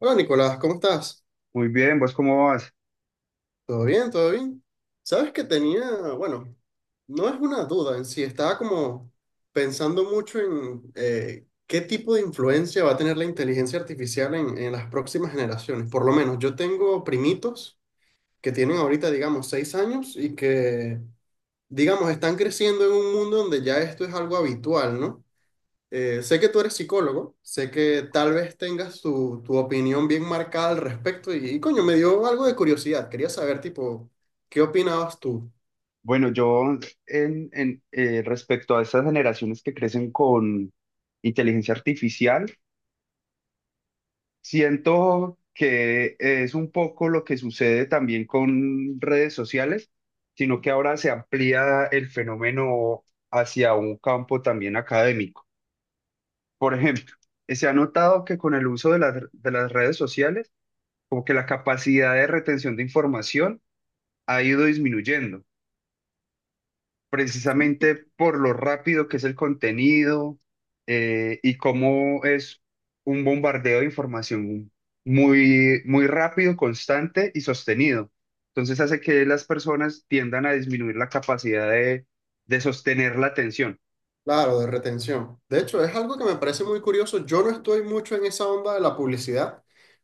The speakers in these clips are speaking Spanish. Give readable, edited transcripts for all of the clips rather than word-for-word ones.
Hola Nicolás, ¿cómo estás? Muy bien, ¿vos cómo vas? ¿Todo bien? ¿Todo bien? Sabes que tenía, bueno, no es una duda en sí, estaba como pensando mucho en qué tipo de influencia va a tener la inteligencia artificial en las próximas generaciones. Por lo menos yo tengo primitos que tienen ahorita, digamos, 6 años y que, digamos, están creciendo en un mundo donde ya esto es algo habitual, ¿no? Sé que tú eres psicólogo, sé que tal vez tengas tu opinión bien marcada al respecto y, coño, me dio algo de curiosidad. Quería saber, tipo, ¿qué opinabas tú? Bueno, yo respecto a estas generaciones que crecen con inteligencia artificial, siento que es un poco lo que sucede también con redes sociales, sino que ahora se amplía el fenómeno hacia un campo también académico. Por ejemplo, se ha notado que con el uso de las redes sociales, como que la capacidad de retención de información ha ido disminuyendo precisamente por lo rápido que es el contenido y cómo es un bombardeo de información muy rápido, constante y sostenido. Entonces hace que las personas tiendan a disminuir la capacidad de sostener la atención. Claro, de retención. De hecho, es algo que me parece muy curioso. Yo no estoy mucho en esa onda de la publicidad.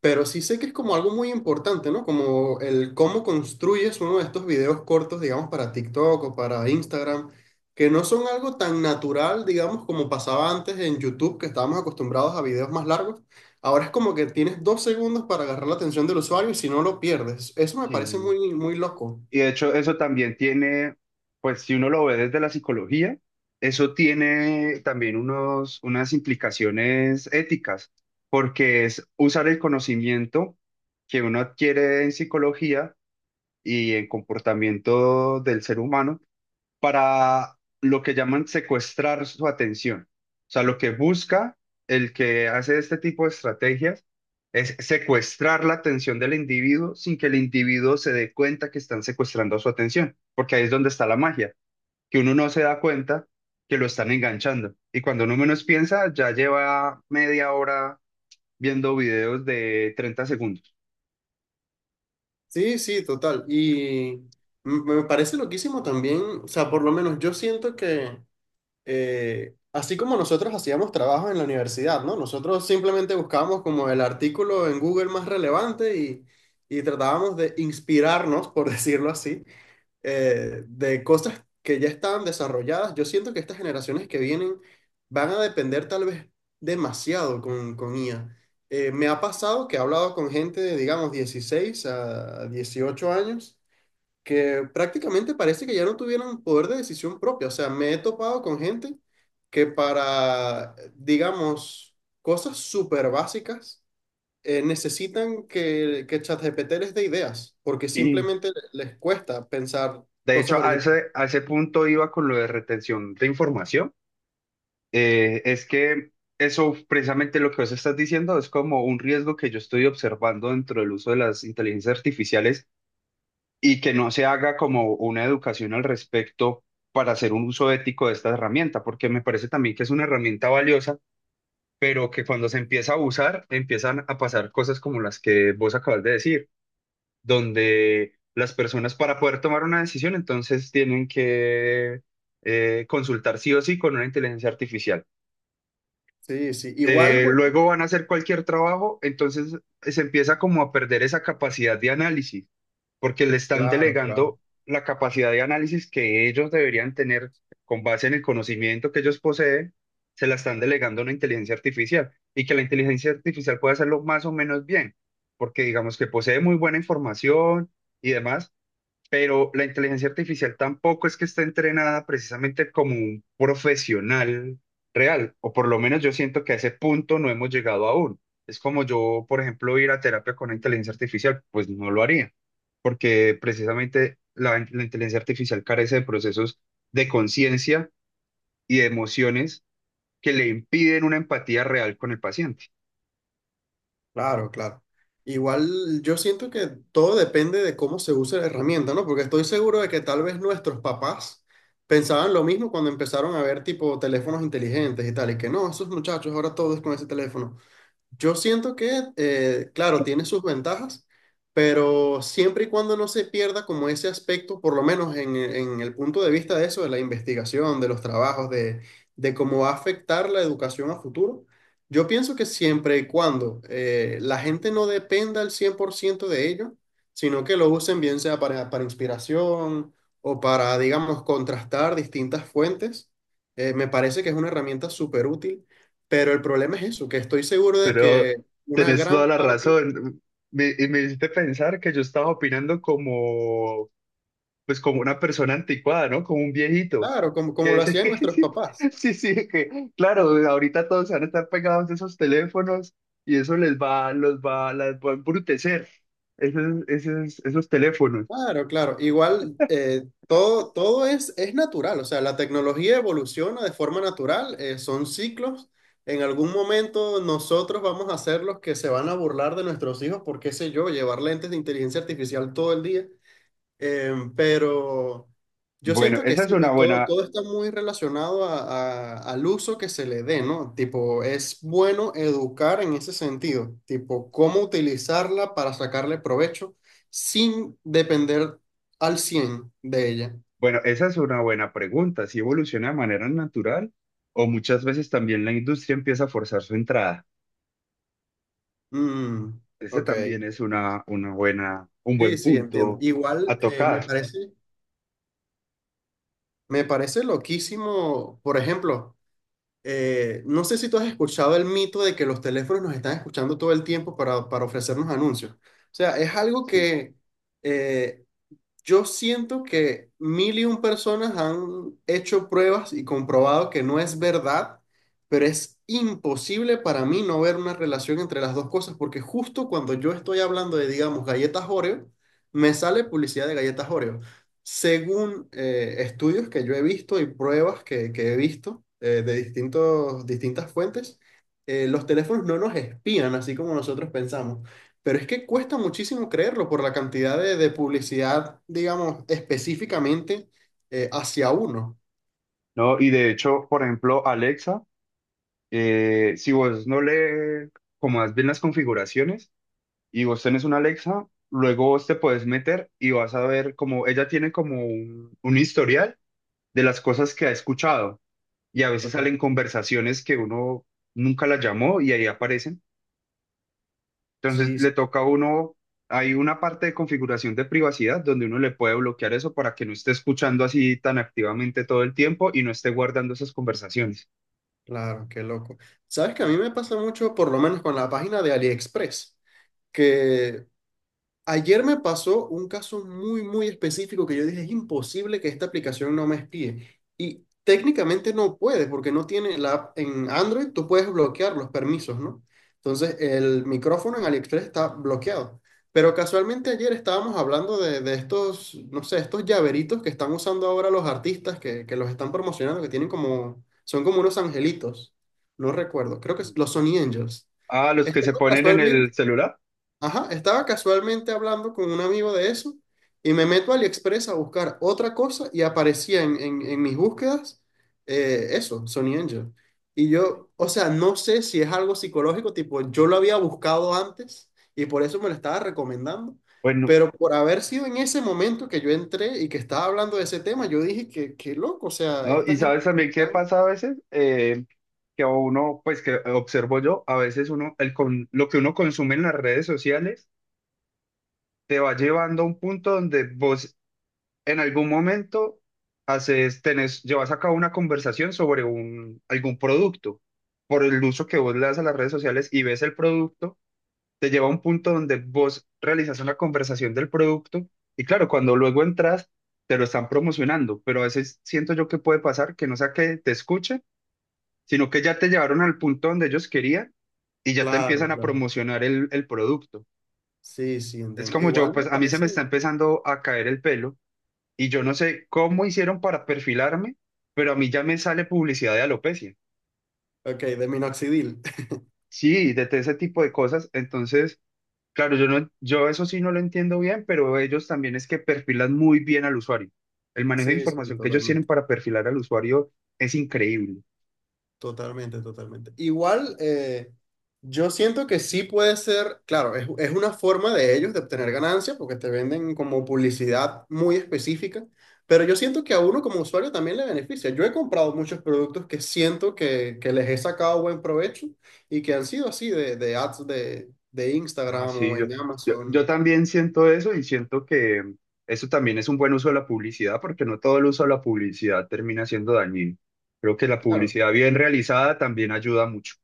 Pero sí sé que es como algo muy importante, ¿no? Como el cómo construyes uno de estos videos cortos, digamos, para TikTok o para Instagram, que no son algo tan natural, digamos, como pasaba antes en YouTube, que estábamos acostumbrados a videos más largos. Ahora es como que tienes 2 segundos para agarrar la atención del usuario y si no lo pierdes. Eso me parece Sí. muy, muy loco. Y de hecho, eso también tiene, pues si uno lo ve desde la psicología, eso tiene también unas implicaciones éticas, porque es usar el conocimiento que uno adquiere en psicología y en comportamiento del ser humano para lo que llaman secuestrar su atención. O sea, lo que busca el que hace este tipo de estrategias es secuestrar la atención del individuo sin que el individuo se dé cuenta que están secuestrando su atención, porque ahí es donde está la magia, que uno no se da cuenta que lo están enganchando. Y cuando uno menos piensa, ya lleva media hora viendo videos de 30 segundos. Sí, sí, total. Y me parece loquísimo también, o sea, por lo menos yo siento que así como nosotros hacíamos trabajos en la universidad, ¿no? Nosotros simplemente buscábamos como el artículo en Google más relevante y tratábamos de inspirarnos, por decirlo así, de cosas que ya estaban desarrolladas. Yo siento que estas generaciones que vienen van a depender tal vez demasiado con IA. Me ha pasado que he hablado con gente de, digamos, 16 a 18 años que prácticamente parece que ya no tuvieran poder de decisión propia. O sea, me he topado con gente que para, digamos, cosas súper básicas, necesitan que ChatGPT les dé ideas, porque Sí. simplemente les cuesta pensar De cosas hecho, originales. A ese punto iba con lo de retención de información. Es que eso, precisamente lo que vos estás diciendo, es como un riesgo que yo estoy observando dentro del uso de las inteligencias artificiales y que no se haga como una educación al respecto para hacer un uso ético de esta herramienta, porque me parece también que es una herramienta valiosa, pero que cuando se empieza a usar, empiezan a pasar cosas como las que vos acabas de decir, donde las personas para poder tomar una decisión, entonces tienen que consultar sí o sí con una inteligencia artificial. Sí, sí. Igual, bueno, Luego van a hacer cualquier trabajo, entonces se empieza como a perder esa capacidad de análisis, porque le están claro, claro. delegando la capacidad de análisis que ellos deberían tener con base en el conocimiento que ellos poseen, se la están delegando a una inteligencia artificial y que la inteligencia artificial puede hacerlo más o menos bien, porque digamos que posee muy buena información y demás, pero la inteligencia artificial tampoco es que esté entrenada precisamente como un profesional real, o por lo menos yo siento que a ese punto no hemos llegado aún. Es como yo, por ejemplo, ir a terapia con una inteligencia artificial, pues no lo haría, porque precisamente la inteligencia artificial carece de procesos de conciencia y de emociones que le impiden una empatía real con el paciente. Claro, claro. Igual yo siento que todo depende de cómo se use la herramienta, ¿no? Porque estoy seguro de que tal vez nuestros papás pensaban lo mismo cuando empezaron a ver tipo teléfonos inteligentes y tal, y que no, esos muchachos ahora todo es con ese teléfono. Yo siento que, claro, tiene sus ventajas, pero siempre y cuando no se pierda como ese aspecto, por lo menos en el punto de vista de eso, de la investigación, de los trabajos, de cómo va a afectar la educación a futuro, yo pienso que siempre y cuando la gente no dependa al 100% de ello, sino que lo usen bien sea para inspiración o para, digamos, contrastar distintas fuentes, me parece que es una herramienta súper útil, pero el problema es eso, que estoy seguro de que Pero una tenés gran toda la parte, razón. Me hiciste pensar que yo estaba opinando como pues como una persona anticuada, ¿no? Como un viejito, claro, que como lo dice hacían que nuestros sí, papás, sí, que claro, ahorita todos van a estar pegados a esos teléfonos y eso les va, las va a embrutecer, esos teléfonos. claro, claro, igual todo, todo es natural, o sea, la tecnología evoluciona de forma natural, son ciclos, en algún momento nosotros vamos a ser los que se van a burlar de nuestros hijos por, qué sé yo, llevar lentes de inteligencia artificial todo el día, pero yo Bueno, siento que esa es sí, una pues todo, buena, todo está muy relacionado al uso que se le dé, ¿no? Tipo, es bueno educar en ese sentido, tipo, cómo utilizarla para sacarle provecho sin depender al 100 de ella. bueno, esa es una buena pregunta, si evoluciona de manera natural o muchas veces también la industria empieza a forzar su entrada. Mm, Ese ok. también es una buena, un Sí, buen sí, entiendo. punto Igual a tocar, me parece loquísimo, por ejemplo. No sé si tú has escuchado el mito de que los teléfonos nos están escuchando todo el tiempo para ofrecernos anuncios. O sea, es algo sí. que eh, yo siento que mil y un personas han hecho pruebas y comprobado que no es verdad, pero es imposible para mí no ver una relación entre las dos cosas, porque justo cuando yo estoy hablando de, digamos, galletas Oreo, me sale publicidad de galletas Oreo. Según estudios que yo he visto y pruebas que he visto de distintas fuentes, los teléfonos no nos espían así como nosotros pensamos. Pero es que cuesta muchísimo creerlo por la cantidad de publicidad, digamos, específicamente hacia uno. ¿No? Y de hecho, por ejemplo, Alexa, si vos no le comas bien las configuraciones y vos tenés una Alexa, luego vos te puedes meter y vas a ver como ella tiene como un historial de las cosas que ha escuchado y a veces Okay. salen conversaciones que uno nunca la llamó y ahí aparecen. Entonces Sí, sí, le toca a uno, hay una parte de configuración de privacidad donde uno le puede bloquear eso para que no esté escuchando así tan activamente todo el tiempo y no esté guardando esas conversaciones. claro, qué loco. Sabes que a mí me pasa mucho, por lo menos con la página de AliExpress, que ayer me pasó un caso muy, muy específico que yo dije, es imposible que esta aplicación no me espíe. Y técnicamente no puede, porque no tiene la app en Android, tú puedes bloquear los permisos, ¿no? Entonces, el micrófono en AliExpress está bloqueado. Pero casualmente ayer estábamos hablando de, estos, no sé, estos llaveritos que están usando ahora los artistas que los están promocionando, que tienen como, son como unos angelitos. No recuerdo, creo que los Sony Angels. Ah, los que se Estaba ponen en casualmente el celular. Ajá, estaba casualmente hablando con un amigo de eso y me meto a AliExpress a buscar otra cosa y aparecía en mis búsquedas eso, Sony Angel. Y Sí. yo, o sea, no sé si es algo psicológico, tipo, yo lo había buscado antes y por eso me lo estaba recomendando, Bueno, pero por haber sido en ese momento que yo entré y que estaba hablando de ese tema, yo dije que, qué loco, o sea, ¿no? esta Y gente sabes nos también qué están- pasa a veces, que a uno, pues que observo yo, a veces uno, el con, lo que uno consume en las redes sociales te va llevando a un punto donde vos en algún momento llevas a cabo una conversación sobre un, algún producto. Por el uso que vos le das a las redes sociales y ves el producto, te lleva a un punto donde vos realizas una conversación del producto y claro, cuando luego entras, te lo están promocionando, pero a veces siento yo que puede pasar que no sea que te escuchen sino que ya te llevaron al punto donde ellos querían y ya te Claro, empiezan a claro. promocionar el producto. Sí, sí, Es entiendo. como yo, Igual pues me a mí se me parece. está empezando a caer el pelo y yo no sé cómo hicieron para perfilarme, pero a mí ya me sale publicidad de alopecia. Ok, de minoxidil. Sí, de ese tipo de cosas. Entonces, claro, yo eso sí no lo entiendo bien, pero ellos también es que perfilan muy bien al usuario. El manejo de Sí, sí, información que ellos tienen totalmente. para perfilar al usuario es increíble. Totalmente, totalmente. Igual, yo siento que sí puede ser, claro, es una forma de ellos de obtener ganancias porque te venden como publicidad muy específica, pero yo siento que a uno como usuario también le beneficia. Yo he comprado muchos productos que siento que les he sacado buen provecho y que han sido así de ads de Ah, Instagram sí, o en yo Amazon. también siento eso y siento que eso también es un buen uso de la publicidad, porque no todo el uso de la publicidad termina siendo dañino. Creo que la Claro. publicidad bien realizada también ayuda mucho.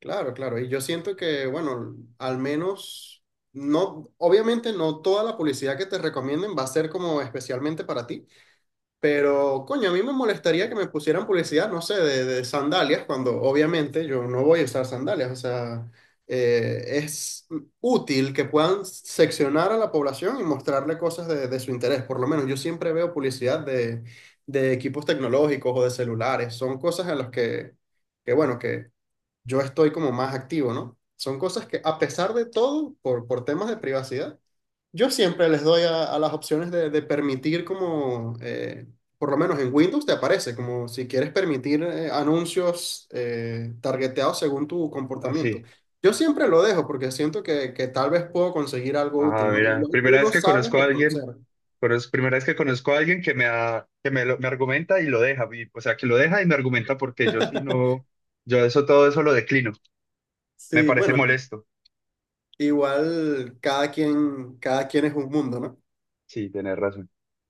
Claro, claro. Y yo siento que, bueno, al menos, no, obviamente no toda la publicidad que te recomienden va a ser como especialmente para ti, pero coño, a mí me molestaría que me pusieran publicidad, no sé, de sandalias, cuando obviamente yo no voy a usar sandalias. O sea, es útil que puedan seccionar a la población y mostrarle cosas de su interés. Por lo menos yo siempre veo publicidad de equipos tecnológicos o de celulares. Son cosas en las que bueno, que yo estoy como más activo, ¿no? Son cosas que a pesar de todo, por temas de privacidad, yo siempre les doy a las opciones de permitir como, por lo menos en Windows te aparece, como si quieres permitir anuncios targeteados según tu comportamiento. Así. Yo siempre lo dejo porque siento que tal vez puedo conseguir algo Ah, útil, ¿no? mira, Igual uno sabe reconocer. Primera vez que conozco a alguien que me, ha- que me, lo- me argumenta y lo deja, o sea, que lo deja y me argumenta porque yo sí no, yo eso todo eso lo declino. Me Sí, parece bueno, molesto. igual cada quien es un mundo, ¿no? Sí, tenés razón.